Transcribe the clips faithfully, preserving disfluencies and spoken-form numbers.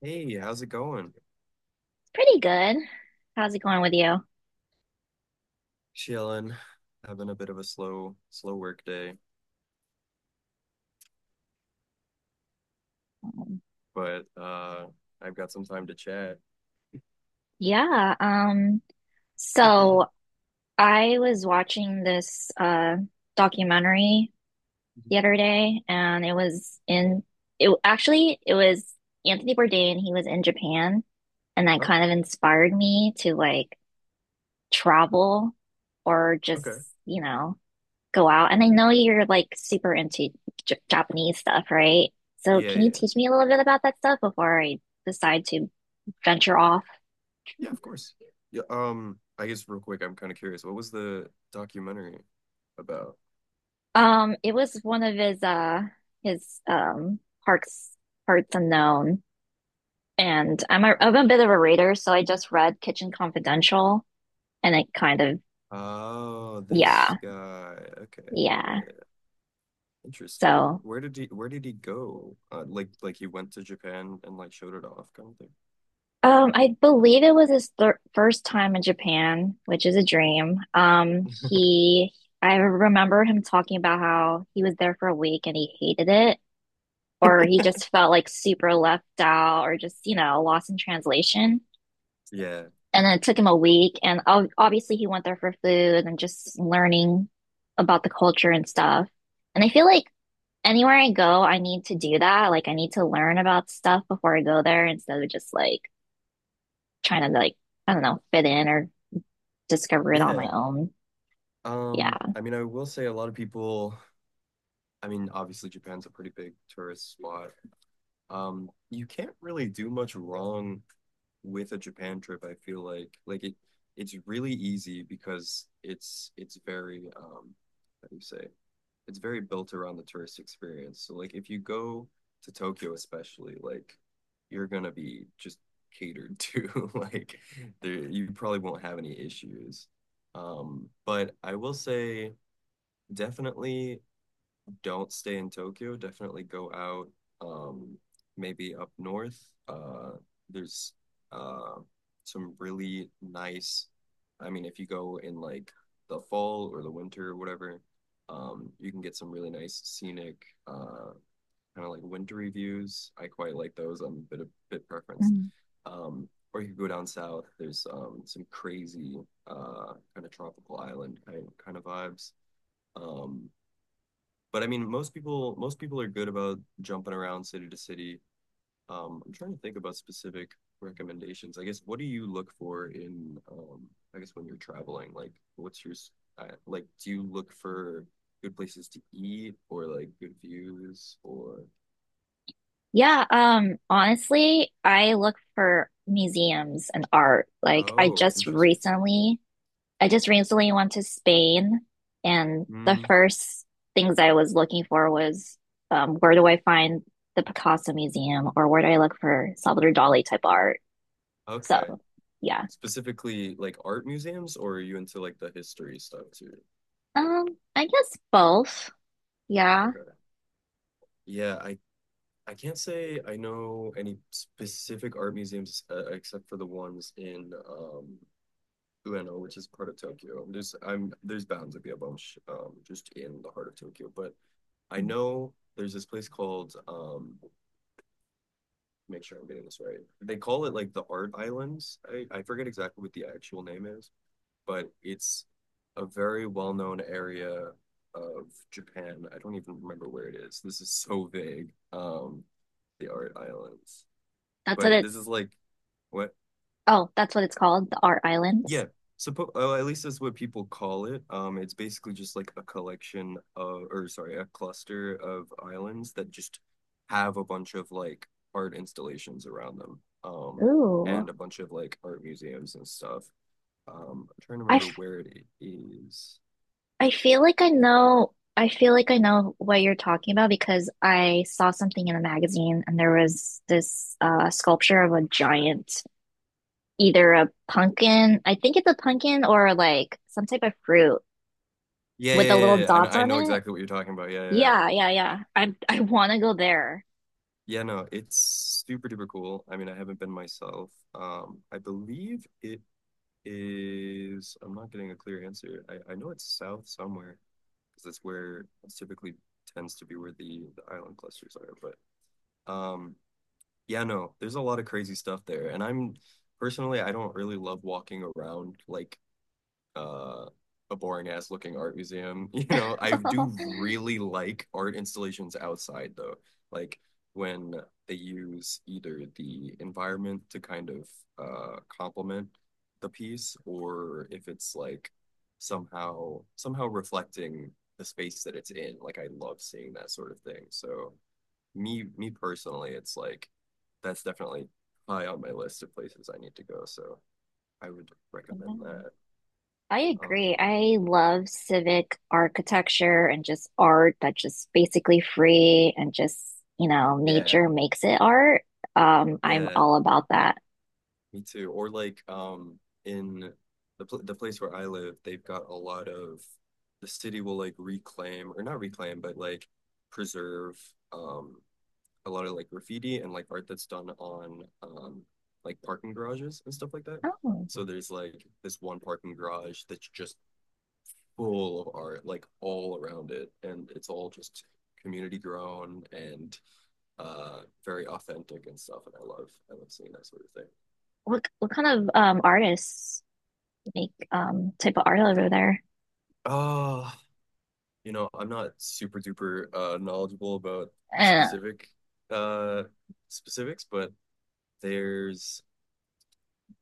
Hey, how's it going? Pretty good. How's it going with you? Chilling, having a bit of a slow, slow work day, Um, but uh I've got some time to chat. Yeah, um, Mhm. so I was watching this uh documentary the other day and it was in it actually it was Anthony Bourdain. He was in Japan and that Oh, kind of inspired me to like travel or just, okay. you know, go out. And I know you're like super into J Japanese stuff, right? So Yeah, can you yeah. teach me a little bit about that stuff before I decide to venture off? Yeah, of course. Yeah, um, I guess real quick, I'm kind of curious. What was the documentary about? Um, it was one of his uh his um parts parts unknown. And I'm a I'm a bit of a reader, so I just read Kitchen Confidential, and it kind of, Oh, yeah, this guy. Okay. yeah. Yeah, interesting. So Where did he where did he go? Uh, like like he went to Japan and like showed it off kind of thing. um I believe it was his thir first time in Japan, which is a dream. Um he I remember him talking about how he was there for a week and he hated it, or he just felt like super left out or just, you know, lost in translation. Yeah. And then it took him a week. And obviously, he went there for food and just learning about the culture and stuff. And I feel like anywhere I go, I need to do that. Like, I need to learn about stuff before I go there instead of just like trying to, like, I don't know, fit in or discover it on my Yeah. own. Yeah. Um, I mean, I will say a lot of people I mean, obviously Japan's a pretty big tourist spot. Um, you can't really do much wrong with a Japan trip, I feel like. Like it it's really easy because it's it's very um how do you say? It's very built around the tourist experience. So like if you go to Tokyo especially, like you're gonna be just catered to. Like there you probably won't have any issues. Um, but I will say definitely don't stay in Tokyo, definitely go out, um, maybe up north. Uh, there's uh, some really nice, I mean, if you go in like the fall or the winter or whatever, um, you can get some really nice scenic, uh, kind of like wintry views. I quite like those. I'm a bit of bit preference. Mm. Um, or you could go down south. There's um, some crazy uh, kind of tropical island kind kind of vibes. Um, but I mean, most people most people are good about jumping around city to city. Um, I'm trying to think about specific recommendations. I guess what do you look for in um, I guess when you're traveling? Like, what's your s- uh, like? Do you look for good places to eat or like good views or? Yeah. Um, honestly, I look for museums and art. Like, I Oh, just interesting. recently I just recently went to Spain, and the Mm, first things I was looking for was, um, where do I find the Picasso Museum, or where do I look for Salvador Dali type art? okay. So, yeah. Specifically, like art museums, or are you into like the history stuff too? Um, I guess both. Yeah. Okay. Yeah, I I can't say I know any specific art museums uh, except for the ones in um, Ueno, which is part of Tokyo. There's I'm there's bound to be a bunch um, just in the heart of Tokyo, but I know there's this place called um, make sure I'm getting this right. They call it like the Art Islands. I, I forget exactly what the actual name is, but it's a very well-known area of Japan. I don't even remember where it is. This is so vague. Um, the Art Islands That's what but this it's, is like what oh, that's what it's called, the Art Islands. yeah suppo oh, at least that's what people call it. um it's basically just like a collection of or sorry a cluster of islands that just have a bunch of like art installations around them, um Ooh. and a bunch of like art museums and stuff. um I'm trying to I, remember f- where it is. I feel like I know, I feel like I know what you're talking about, because I saw something in a magazine and there was this, uh, sculpture of a giant either a pumpkin, I think it's a pumpkin, or like some type of fruit yeah with the yeah little yeah, yeah. I know, dots I on know it. exactly what you're talking about. yeah yeah yeah Yeah, yeah, yeah. I I want to go there. yeah, no, it's super duper cool. I mean, I haven't been myself. um I believe it is I'm not getting a clear answer. I, I know it's south somewhere because that's where it's typically tends to be where the, the island clusters are. But um, yeah, no, there's a lot of crazy stuff there. And I'm personally, I don't really love walking around like uh, a boring ass looking art museum. You know, I do really like art installations outside though. Like when they use either the environment to kind of uh complement the piece or if it's like somehow somehow reflecting the space that it's in. Like I love seeing that sort of thing. So me me personally, it's like that's definitely high on my list of places I need to go. So I would Yeah, recommend that. I agree. Um I love civic architecture and just art that's just basically free and just, you know, Yeah, nature makes it art. Um, I'm yeah, all about that. me too. Or like um in the pl the place where I live, they've got a lot of the city will like reclaim or not reclaim, but like preserve um a lot of like graffiti and like art that's done on um like parking garages and stuff like that. Oh, So there's like this one parking garage that's just full of art like all around it and it's all just community grown and uh very authentic and stuff, and I love I love seeing that sort of thing. what what kind of um artists make um type of art over there? Uh, you know, I'm not super duper uh knowledgeable about the Uh, specific uh specifics, but there's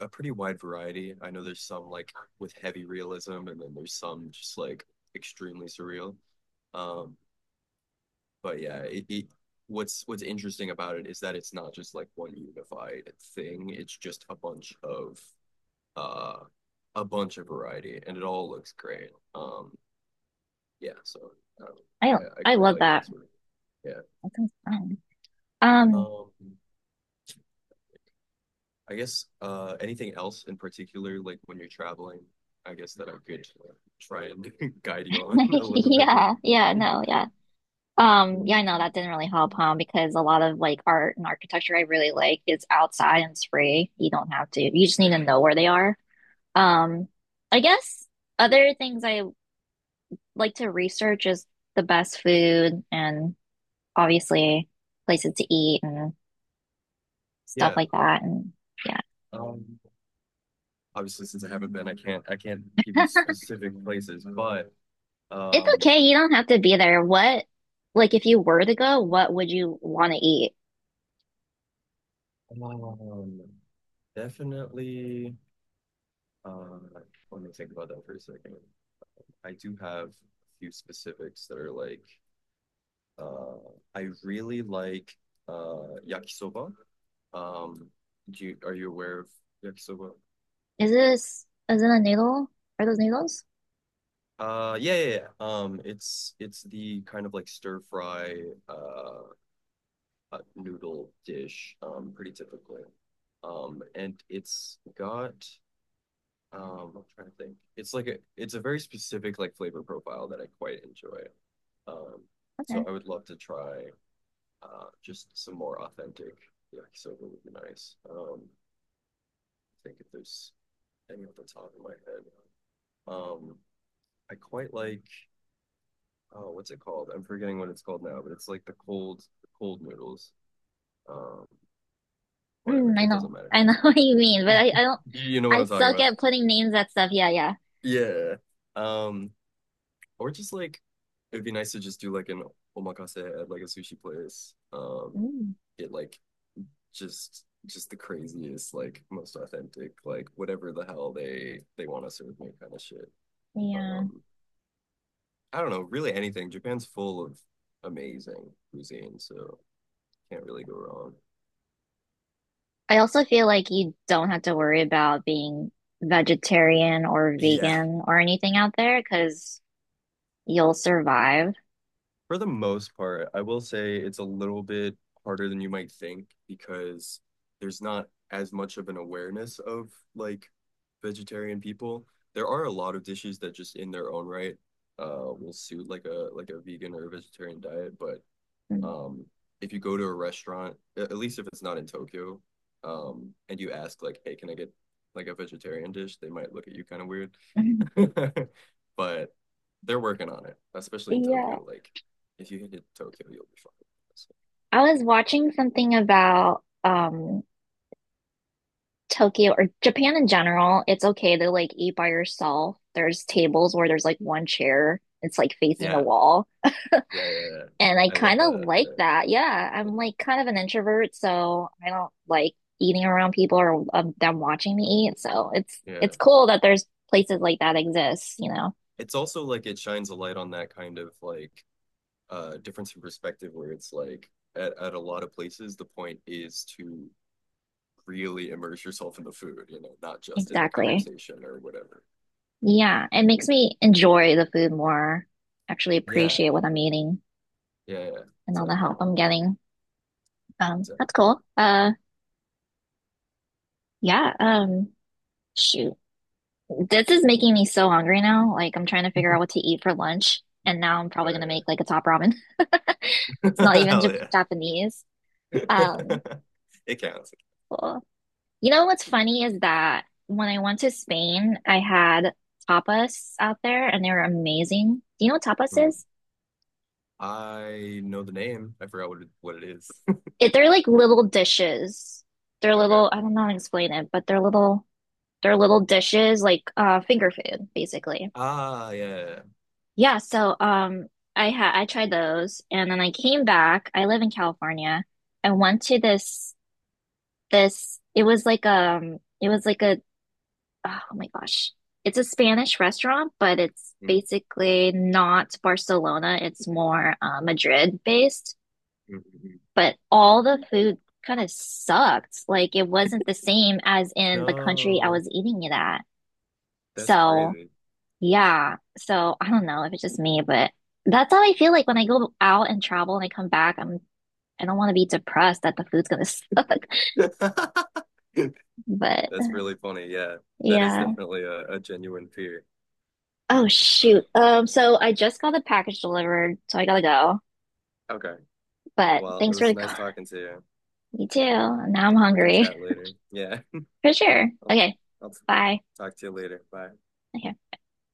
a pretty wide variety. I know there's some like with heavy realism and then there's some just like extremely surreal. Um, but yeah, it, it what's what's interesting about it is that it's not just like one unified thing. It's just a bunch of uh a bunch of variety and it all looks great. Um yeah, so um, I I, I I quite love like that. that sort of, yeah. That sounds fun. Um, Um, I guess uh, anything else in particular, like when you're traveling, I guess that I could try and guide you on a little bit. More. yeah, yeah, no, yeah. Um, yeah, I know that didn't really help, huh? Because a lot of like art and architecture I really like is outside and it's free. You don't have to, you just need to know where they are. Um, I guess other things I like to research is the best food and obviously places to eat and stuff Yeah, like that. And yeah, um, obviously since I haven't been, I can't I can't give you specific places, but it's um, okay. You don't have to be there. What, like, if you were to go, what would you want to eat? um definitely. Uh, let me think about that for a second. I do have a few specifics that are like Uh, I really like uh yakisoba. Um, do you are you aware of yakisoba? Is this is it a needle? Are those needles? Uh, yeah, yeah, yeah. Um, it's it's the kind of like stir fry uh, uh noodle dish. Um, pretty typically. Um, and it's got um, I'm trying to think. It's like a it's a very specific like flavor profile that I quite enjoy. Um, so Okay. I would love to try uh just some more authentic yakisoba would be nice. Um, think if there's any off the top of my head. Um, I quite like, oh, what's it called? I'm forgetting what it's called now, but it's like the cold, the cold noodles. Um, whatever. Mm, I It know. doesn't matter. I know what you mean, but I, I don't, You know what I I'm talking suck about. at putting names at stuff. Yeah, yeah. Yeah. Um, or just like, it'd be nice to just do like an omakase at like a sushi place. Um, Mm, get like just just the craziest, like most authentic, like whatever the hell they they want to serve me kind of shit. yeah. Um, I don't know, really anything. Japan's full of amazing cuisine, so can't really go wrong. I also feel like you don't have to worry about being vegetarian or Yeah, vegan or anything out there, because you'll survive. for the most part, I will say it's a little bit harder than you might think because there's not as much of an awareness of like vegetarian people. There are a lot of dishes that just in their own right uh will suit like a like a vegan or a vegetarian diet, but Mm. um if you go to a restaurant at least if it's not in Tokyo, um and you ask like hey can I get like a vegetarian dish, they might look at you kind of weird. But they're working on it, especially in Yeah. Tokyo. Like if you hit Tokyo you'll be fine. So, I was watching something about um Tokyo or Japan in general, it's okay to like eat by yourself. There's tables where there's like one chair, it's like facing the yeah wall. yeah yeah yeah, And I I love kind of that, like yeah, that. Yeah, I'm like kind of an introvert, so I don't like eating around people or, um, them watching me eat. So it's it's yeah. cool that there's places like that exist, you know. It's also like it shines a light on that kind of like uh difference in perspective where it's like at, at a lot of places the point is to really immerse yourself in the food, you know, not just in the Exactly. conversation or whatever. Yeah, it makes me enjoy the food more, actually Yeah, appreciate what I'm eating yeah, yeah, and all the exactly, help I'm getting. Um, that's exactly. cool. Uh, yeah, um, shoot. This is making me so hungry now. Like I'm trying to figure out what to eat for lunch, and now I'm probably gonna Oh make like a top ramen. It's not yeah, even hell Jap yeah, Japanese. Um, it counts. cool. You know what's funny is that when I went to Spain, I had tapas out there, and they were amazing. Do you know what tapas Hmm. is? I know the name. I forgot what it, what it is. It, they're like little dishes. They're Okay. little. I don't know how to explain it, but they're little. They're little dishes, like, uh, finger food, basically. Ah, yeah. Yeah, so um I had I tried those and then I came back. I live in California. I went to this this it was like um it was like a oh my gosh. It's a Spanish restaurant, but it's Mm, basically not Barcelona. It's more, uh, Madrid based, mm, mm. but all the food kind of sucked. Like it wasn't the same as in the country I No, was eating it at. that's So crazy. yeah. So I don't know if it's just me, but that's how I feel like when I go out and travel and I come back, I'm I don't want to be depressed that the food's gonna suck. That's But really funny. Yeah, that is yeah. definitely a, a genuine fear. Oh shoot. Um, so I just got the package delivered, so I gotta go. Okay. But Well, it thanks for was the call. nice talking to you. You too. Now I'm We can hungry. chat later. Yeah. For sure. I'll Okay. I'll Bye. talk to you later. Bye. Okay.